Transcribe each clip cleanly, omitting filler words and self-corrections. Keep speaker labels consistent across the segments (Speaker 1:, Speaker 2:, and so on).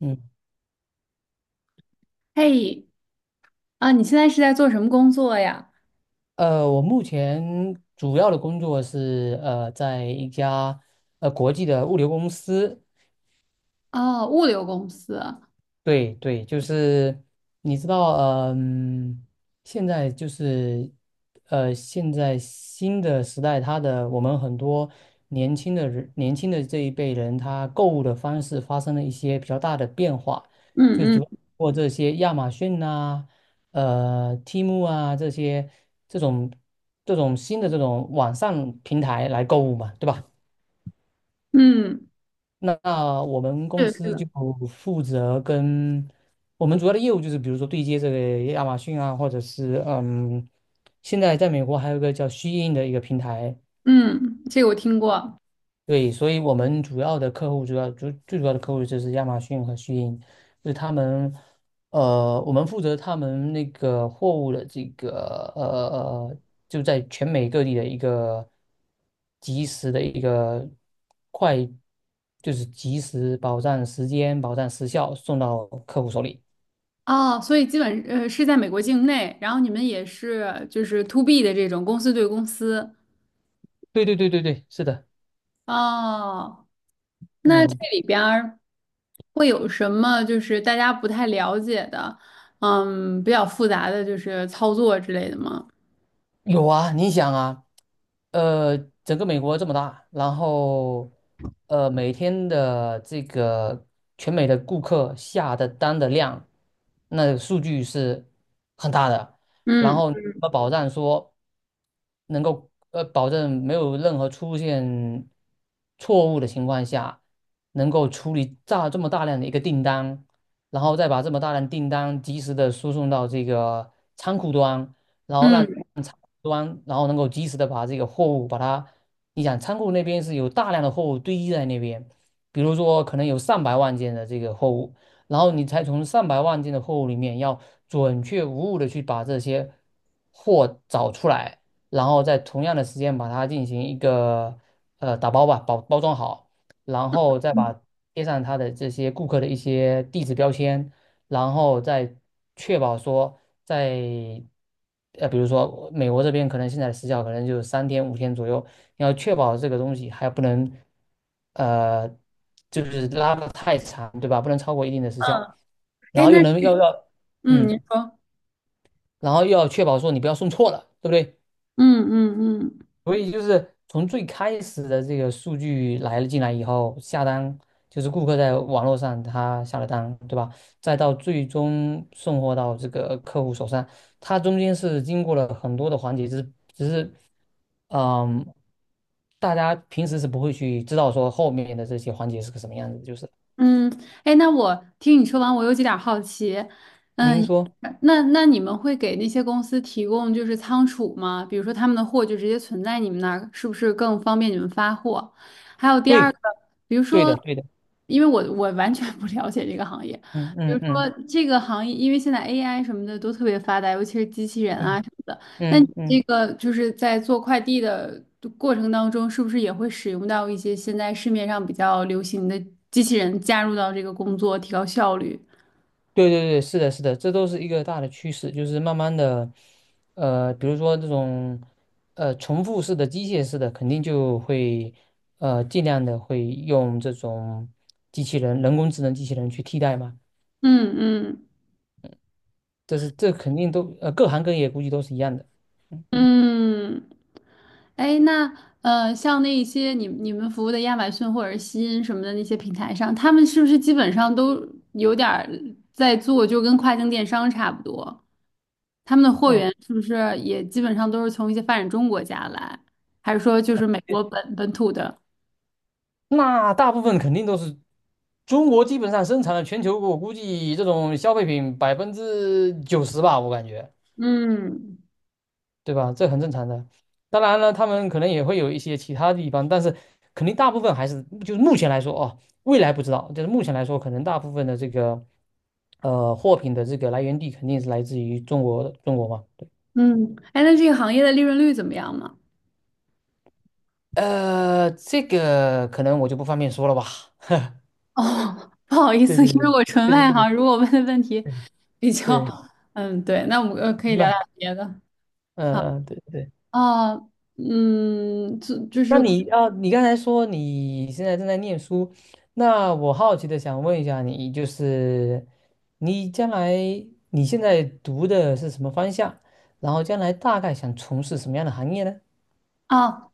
Speaker 1: 嗯，
Speaker 2: 嘿，啊，你现在是在做什么工作呀？
Speaker 1: 我目前主要的工作是在一家国际的物流公司。
Speaker 2: 哦，物流公司。
Speaker 1: 对对，就是你知道，嗯，现在就是，现在新的时代，它的我们很多年轻的人，年轻的这一辈人，他购物的方式发生了一些比较大的变化，就
Speaker 2: 嗯
Speaker 1: 主
Speaker 2: 嗯
Speaker 1: 要通过这些亚马逊啊、Temu 啊这些这种这种新的这种网上平台来购物嘛，对吧？
Speaker 2: 嗯，
Speaker 1: 那我们公
Speaker 2: 是的，是
Speaker 1: 司就
Speaker 2: 的。
Speaker 1: 负责跟我们主要的业务就是，比如说对接这个亚马逊啊，或者是嗯，现在在美国还有一个叫虚鹰的一个平台。
Speaker 2: 嗯，这个我听过。
Speaker 1: 对，所以我们主要的客户，主要主最主要的客户就是亚马逊和虚鹰，就是他们，我们负责他们那个货物的这个呃，就在全美各地的一个及时的一个快，就是及时保障时间、保障时效送到客户手里。
Speaker 2: 哦，所以基本是在美国境内，然后你们也是就是 to B 的这种公司对公司。
Speaker 1: 对对对对对，是的，
Speaker 2: 哦，那这
Speaker 1: 嗯。
Speaker 2: 里边儿会有什么就是大家不太了解的，嗯，比较复杂的就是操作之类的吗？
Speaker 1: 有啊，你想啊，呃，整个美国这么大，然后每天的这个全美的顾客下的单的量，那个数据是很大的，然
Speaker 2: 嗯
Speaker 1: 后怎么保障说能够保证没有任何出现错误的情况下，能够处理这么大量的一个订单，然后再把这么大量订单及时的输送到这个仓库端。然后让
Speaker 2: 嗯
Speaker 1: 仓库端，然后能够及时的把这个货物把它，你想仓库那边是有大量的货物堆积在那边，比如说可能有上百万件的这个货物，然后你才从上百万件的货物里面要准确无误的去把这些货找出来，然后在同样的时间把它进行一个打包吧，包装好，然后再
Speaker 2: 嗯，
Speaker 1: 把贴上它的这些顾客的一些地址标签。然后再确保说在比如说美国这边可能现在的时效可能就是三天五天左右，你要确保这个东西还不能呃，就是拉的太长，对吧？不能超过一定的时效，然
Speaker 2: 哎，
Speaker 1: 后
Speaker 2: 那
Speaker 1: 又能要
Speaker 2: 嗯，你
Speaker 1: 嗯，
Speaker 2: 说。
Speaker 1: 然后又要确保说你不要送错了，对不对？
Speaker 2: 嗯嗯嗯。
Speaker 1: 所以就是从最开始的这个数据来了进来以后，下单就是顾客在网络上他下了单，对吧？再到最终送货到这个客户手上，它中间是经过了很多的环节，只是，嗯，大家平时是不会去知道说后面的这些环节是个什么样子，就是
Speaker 2: 嗯，哎，那我听你说完，我有几点儿好奇。嗯，
Speaker 1: 您说
Speaker 2: 那你们会给那些公司提供就是仓储吗？比如说他们的货就直接存在你们那儿，是不是更方便你们发货？还有第二
Speaker 1: 对，
Speaker 2: 个，比如
Speaker 1: 对
Speaker 2: 说，
Speaker 1: 的，对的，
Speaker 2: 因为我完全不了解这个行业。
Speaker 1: 嗯
Speaker 2: 比如
Speaker 1: 嗯
Speaker 2: 说
Speaker 1: 嗯
Speaker 2: 这个行业，因为现在 AI 什么的都特别发达，尤其是机器人啊
Speaker 1: 嗯
Speaker 2: 什么的。那你
Speaker 1: 嗯
Speaker 2: 这
Speaker 1: 嗯。
Speaker 2: 个就是在做快递的过程当中，是不是也会使用到一些现在市面上比较流行的机器人加入到这个工作，提高效率？
Speaker 1: 对对对，是的，是的，这都是一个大的趋势，就是慢慢的，比如说这种，重复式的、机械式的，肯定就会，尽量的会用这种机器人、人工智能机器人去替代嘛。
Speaker 2: 嗯嗯。
Speaker 1: 这是这肯定都，各行各业估计都是一样的。嗯，
Speaker 2: 嗯，哎，那像那一些你们服务的亚马逊或者西音什么的那些平台上，他们是不是基本上都有点儿在做，就跟跨境电商差不多？他们的货
Speaker 1: 哦，
Speaker 2: 源是不是也基本上都是从一些发展中国家来，还是说就是美国本土的？
Speaker 1: 那大部分肯定都是中国基本上生产了全球，我估计这种消费品90%吧，我感觉。
Speaker 2: 嗯
Speaker 1: 对吧？这很正常的。当然了，他们可能也会有一些其他地方，但是肯定大部分还是就是目前来说哦，未来不知道，就是目前来说，可能大部分的这个货品的这个来源地肯定是来自于中国中国嘛。
Speaker 2: 嗯，哎，那这个行业的利润率怎么样呢？
Speaker 1: 这个可能我就不方便说了吧。
Speaker 2: 哦，不好意
Speaker 1: 对
Speaker 2: 思，因
Speaker 1: 对对
Speaker 2: 为我纯
Speaker 1: 对
Speaker 2: 外
Speaker 1: 对
Speaker 2: 行，如果问的问题比较，
Speaker 1: 对对，
Speaker 2: 嗯，对，那我们可以
Speaker 1: 明
Speaker 2: 聊聊
Speaker 1: 白。
Speaker 2: 别的。
Speaker 1: 嗯嗯，对对。
Speaker 2: 啊，嗯，就是
Speaker 1: 那你啊，你刚才说你现在正在念书，那我好奇的想问一下你，就是你将来你现在读的是什么方向？然后将来大概想从事什么样的行业呢？
Speaker 2: 啊，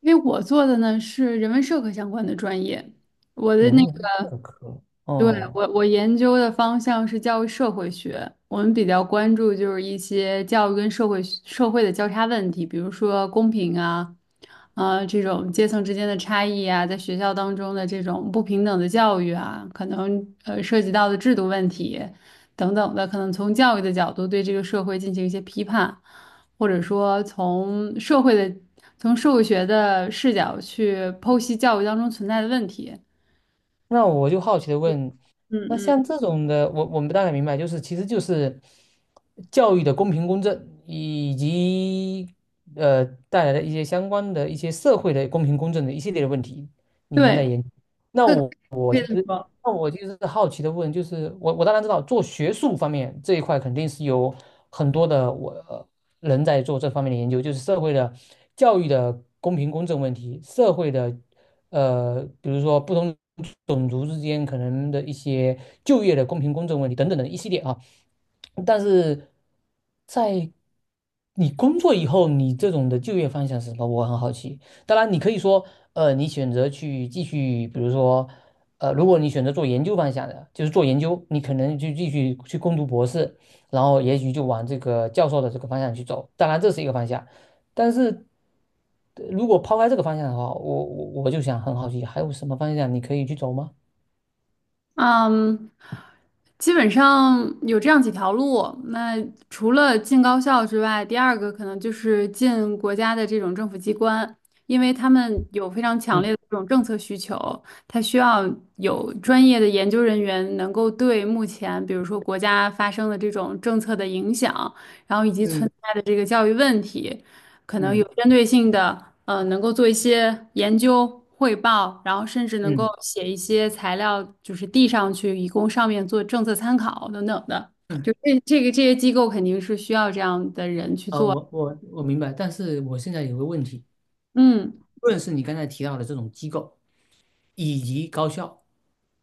Speaker 2: 因为我做的呢是人文社科相关的专业，我的
Speaker 1: 人
Speaker 2: 那
Speaker 1: 文
Speaker 2: 个，
Speaker 1: 社科。
Speaker 2: 对，
Speaker 1: 哦，
Speaker 2: 我研究的方向是教育社会学，我们比较关注就是一些教育跟社会的交叉问题，比如说公平啊，这种阶层之间的差异啊，在学校当中的这种不平等的教育啊，可能涉及到的制度问题等等的，可能从教育的角度对这个社会进行一些批判。或者说从社会的、从社会学的视角去剖析教育当中存在的问题。
Speaker 1: 那我就好奇的问，
Speaker 2: 嗯
Speaker 1: 那
Speaker 2: 嗯，
Speaker 1: 像这种的，我们大概明白，就是其实就是教育的公平公正，以及带来的一些相关的一些社会的公平公正的一系列的问题，你们在
Speaker 2: 对，
Speaker 1: 研究。那
Speaker 2: 可以
Speaker 1: 我
Speaker 2: 可以这么说。
Speaker 1: 那我其实是好奇的问，就是我当然知道做学术方面这一块肯定是有很多的人在做这方面的研究，就是社会的教育的公平公正问题，社会的比如说不同种族之间可能的一些就业的公平公正问题等等的一系列啊，但是在你工作以后，你这种的就业方向是什么？我很好奇。当然，你可以说，你选择去继续，比如说，如果你选择做研究方向的，就是做研究，你可能就继续去攻读博士，然后也许就往这个教授的这个方向去走。当然，这是一个方向，但是如果抛开这个方向的话，我就想很好奇，还有什么方向你可以去走吗？
Speaker 2: 嗯，基本上有这样几条路。那除了进高校之外，第二个可能就是进国家的这种政府机关，因为他们有非常强烈的
Speaker 1: 嗯
Speaker 2: 这种政策需求，他需要有专业的研究人员能够对目前，比如说国家发生的这种政策的影响，然后以及存
Speaker 1: 嗯
Speaker 2: 在的这个教育问题。可能有
Speaker 1: 嗯
Speaker 2: 针对性的，能够做一些研究汇报，然后甚至能够
Speaker 1: 嗯
Speaker 2: 写一些材料，就是递上去，以供上面做政策参考等等的。就
Speaker 1: 嗯，
Speaker 2: 这个这些机构肯定是需要这样的人去做。
Speaker 1: 我明白，但是我现在有个问题，
Speaker 2: 嗯
Speaker 1: 无论是你刚才提到的这种机构，以及高校，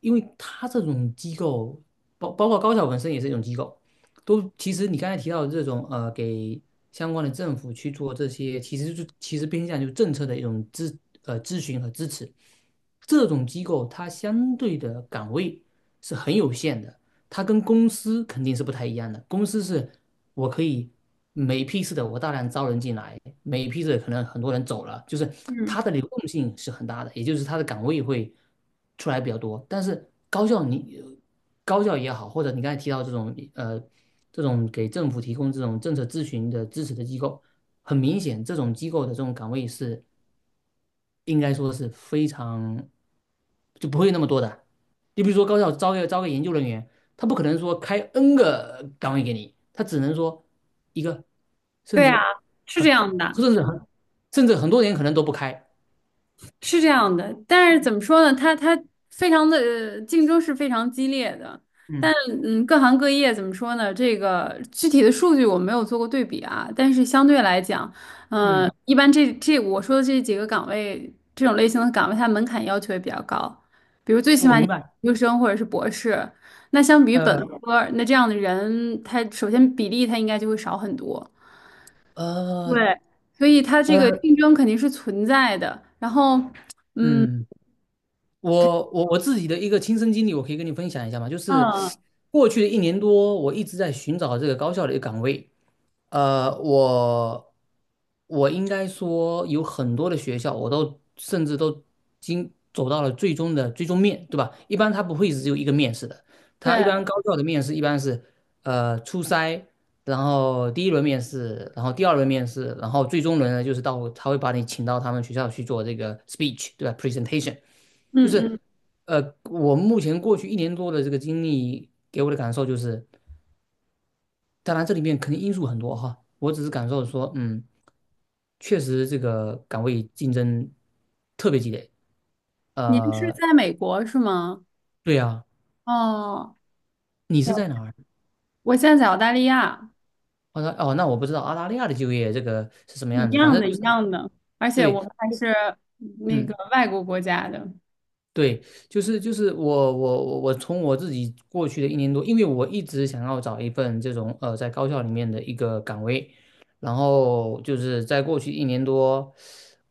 Speaker 1: 因为它这种机构，包括高校本身也是一种机构，都其实你刚才提到的这种给相关的政府去做这些，其实其实偏向就是政策的一种咨询和支持，这种机构它相对的岗位是很有限的。它跟公司肯定是不太一样的。公司是我可以每批次的我大量招人进来，每批次可能很多人走了，就是
Speaker 2: 嗯，
Speaker 1: 它的流动性是很大的，也就是它的岗位会出来比较多。但是高校也好，或者你刚才提到这种这种给政府提供这种政策咨询的支持的机构，很明显这种机构的这种岗位是应该说是非常就不会那么多的。你比如说高校招个研究人员，他不可能说开 N 个岗位给你，他只能说一个，甚
Speaker 2: 对啊，
Speaker 1: 至
Speaker 2: 是这
Speaker 1: 很
Speaker 2: 样的。
Speaker 1: 甚至很甚至很多年可能都不开。
Speaker 2: 是这样的，但是怎么说呢？它非常的竞争是非常激烈的，但
Speaker 1: 嗯
Speaker 2: 嗯，各行各业怎么说呢？这个具体的数据我没有做过对比啊，但是相对来讲，嗯、
Speaker 1: 嗯，
Speaker 2: 一般这我说的这几个岗位，这种类型的岗位，它门槛要求也比较高，比如最起
Speaker 1: 我
Speaker 2: 码你
Speaker 1: 明白。
Speaker 2: 研究生或者是博士，那相比于本
Speaker 1: 呃
Speaker 2: 科，那这样的人，他首先比例他应该就会少很多。
Speaker 1: 呃
Speaker 2: 对，所以它这个
Speaker 1: 呃
Speaker 2: 竞争肯定是存在的。然后，嗯，
Speaker 1: 嗯，我自己的一个亲身经历，我可以跟你分享一下嘛，就是
Speaker 2: 嗯，
Speaker 1: 过去的一年多，我一直在寻找这个高校的一个岗位。我我应该说有很多的学校，甚至都经走到了最终的最终面，对吧？一般它不会只有一个面试的，它一
Speaker 2: 对，
Speaker 1: 般高校的面试一般是初筛，然后第一轮面试，然后第二轮面试，然后最终轮呢就是到他会把你请到他们学校去做这个 speech, 对吧？presentation。 就
Speaker 2: 嗯嗯，
Speaker 1: 是我目前过去一年多的这个经历给我的感受就是。当然这里面肯定因素很多哈，我只是感受说，嗯，确实这个岗位竞争特别激烈。
Speaker 2: 您是
Speaker 1: 呃，
Speaker 2: 在美国是吗？
Speaker 1: 对啊，
Speaker 2: 哦，
Speaker 1: 你是
Speaker 2: 呀
Speaker 1: 在哪儿？
Speaker 2: 我现在在澳大利亚，
Speaker 1: 我说哦，那我不知道澳大利亚的就业这个是什么
Speaker 2: 一
Speaker 1: 样子，反
Speaker 2: 样
Speaker 1: 正
Speaker 2: 的，
Speaker 1: 就
Speaker 2: 一
Speaker 1: 是
Speaker 2: 样的，而且我
Speaker 1: 对，
Speaker 2: 们还是那个
Speaker 1: 嗯。
Speaker 2: 外国国家的，
Speaker 1: 对，就是我从我自己过去的一年多，因为我一直想要找一份这种在高校里面的一个岗位，然后就是在过去一年多，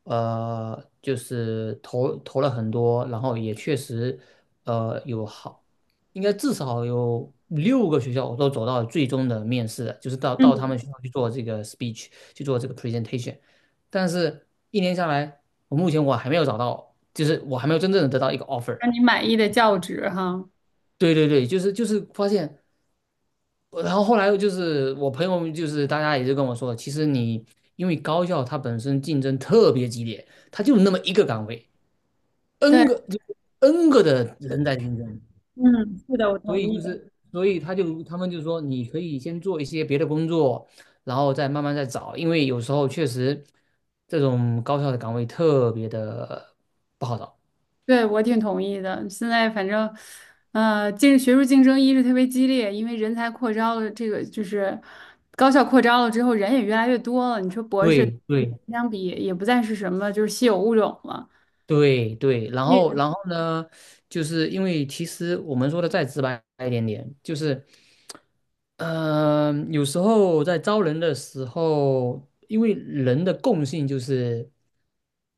Speaker 1: 就是投了很多，然后也确实呃有好，应该至少有6个学校我都走到最终的面试了，就是到他
Speaker 2: 嗯，
Speaker 1: 们学校去做这个 speech,去做这个 presentation,但是一年下来，我目前我还没有找到。就是我还没有真正的得到一个 offer。
Speaker 2: 让你满意的教职哈。
Speaker 1: 对对对，就是发现，然后后来就是我朋友们就是大家也就跟我说，其实你因为高校它本身竞争特别激烈，它就那么一个岗位
Speaker 2: 对，
Speaker 1: ，n 个就 n 个的人在竞争，
Speaker 2: 嗯，是的，我
Speaker 1: 所
Speaker 2: 同
Speaker 1: 以
Speaker 2: 意。
Speaker 1: 就是所以他就他们就说你可以先做一些别的工作，然后再慢慢再找，因为有时候确实这种高校的岗位特别的不好找。
Speaker 2: 对，我挺同意的。现在反正，呃，竞学术竞争一是特别激烈，因为人才扩招了，这个就是高校扩招了之后，人也越来越多了。你说博士
Speaker 1: 对对
Speaker 2: 相比也不再是什么就是稀有物种了。
Speaker 1: 对对，然
Speaker 2: 也
Speaker 1: 后
Speaker 2: 是
Speaker 1: 然后呢，就是因为其实我们说的再直白一点点，就是，嗯，有时候在招人的时候，因为人的共性就是，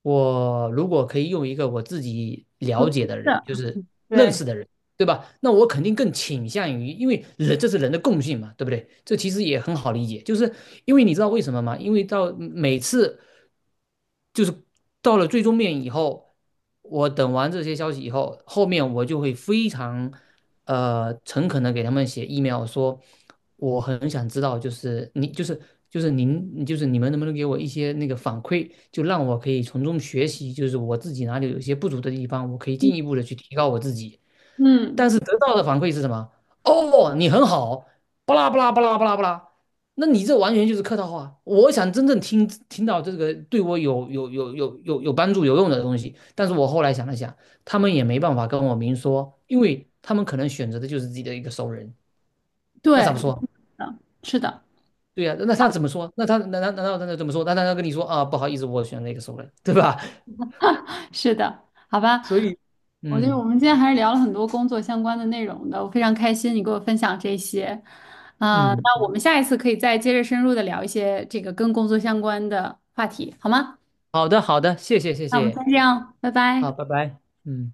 Speaker 1: 我如果可以用一个我自己了解的人，
Speaker 2: 的，
Speaker 1: 就是认
Speaker 2: 对，
Speaker 1: 识的人，对吧？那我肯定更倾向于，因为人这是人的共性嘛，对不对？这其实也很好理解，就是因为你知道为什么吗？因为到每次。就是到了最终面以后，我等完这些消息以后，后面我就会非常诚恳的给他们写 email 说，我很想知道，就是你就是就是您就是你们能不能给我一些那个反馈，就让我可以从中学习，就是我自己哪里有一些不足的地方，我可以进一步的去提高我自己。但
Speaker 2: 嗯，
Speaker 1: 是得到的反馈是什么？哦，你很好，巴拉巴拉巴拉巴拉巴拉。那你这完全就是客套话。我想真正听到这个对我有帮助有用的东西，但是我后来想了想，他们也没办法跟我明说，因为他们可能选择的就是自己的一个熟人，
Speaker 2: 对，
Speaker 1: 那咋不说？
Speaker 2: 是的，
Speaker 1: 对呀、那他怎么说？那他难道他怎么说？那他要跟你说啊，不好意思，我选了一个熟人，对吧？
Speaker 2: 是的，是的，好 吧。
Speaker 1: 所以，
Speaker 2: 我觉得我
Speaker 1: 嗯
Speaker 2: 们今天还是聊了很多工作相关的内容的，我非常开心你给我分享这些。啊、
Speaker 1: 嗯，
Speaker 2: 那我
Speaker 1: 嗯，
Speaker 2: 们下一次可以再接着深入的聊一些这个跟工作相关的话题，好吗？
Speaker 1: 好的好的，谢
Speaker 2: 那我们先
Speaker 1: 谢，
Speaker 2: 这样，拜
Speaker 1: 好，
Speaker 2: 拜。
Speaker 1: 拜拜，嗯。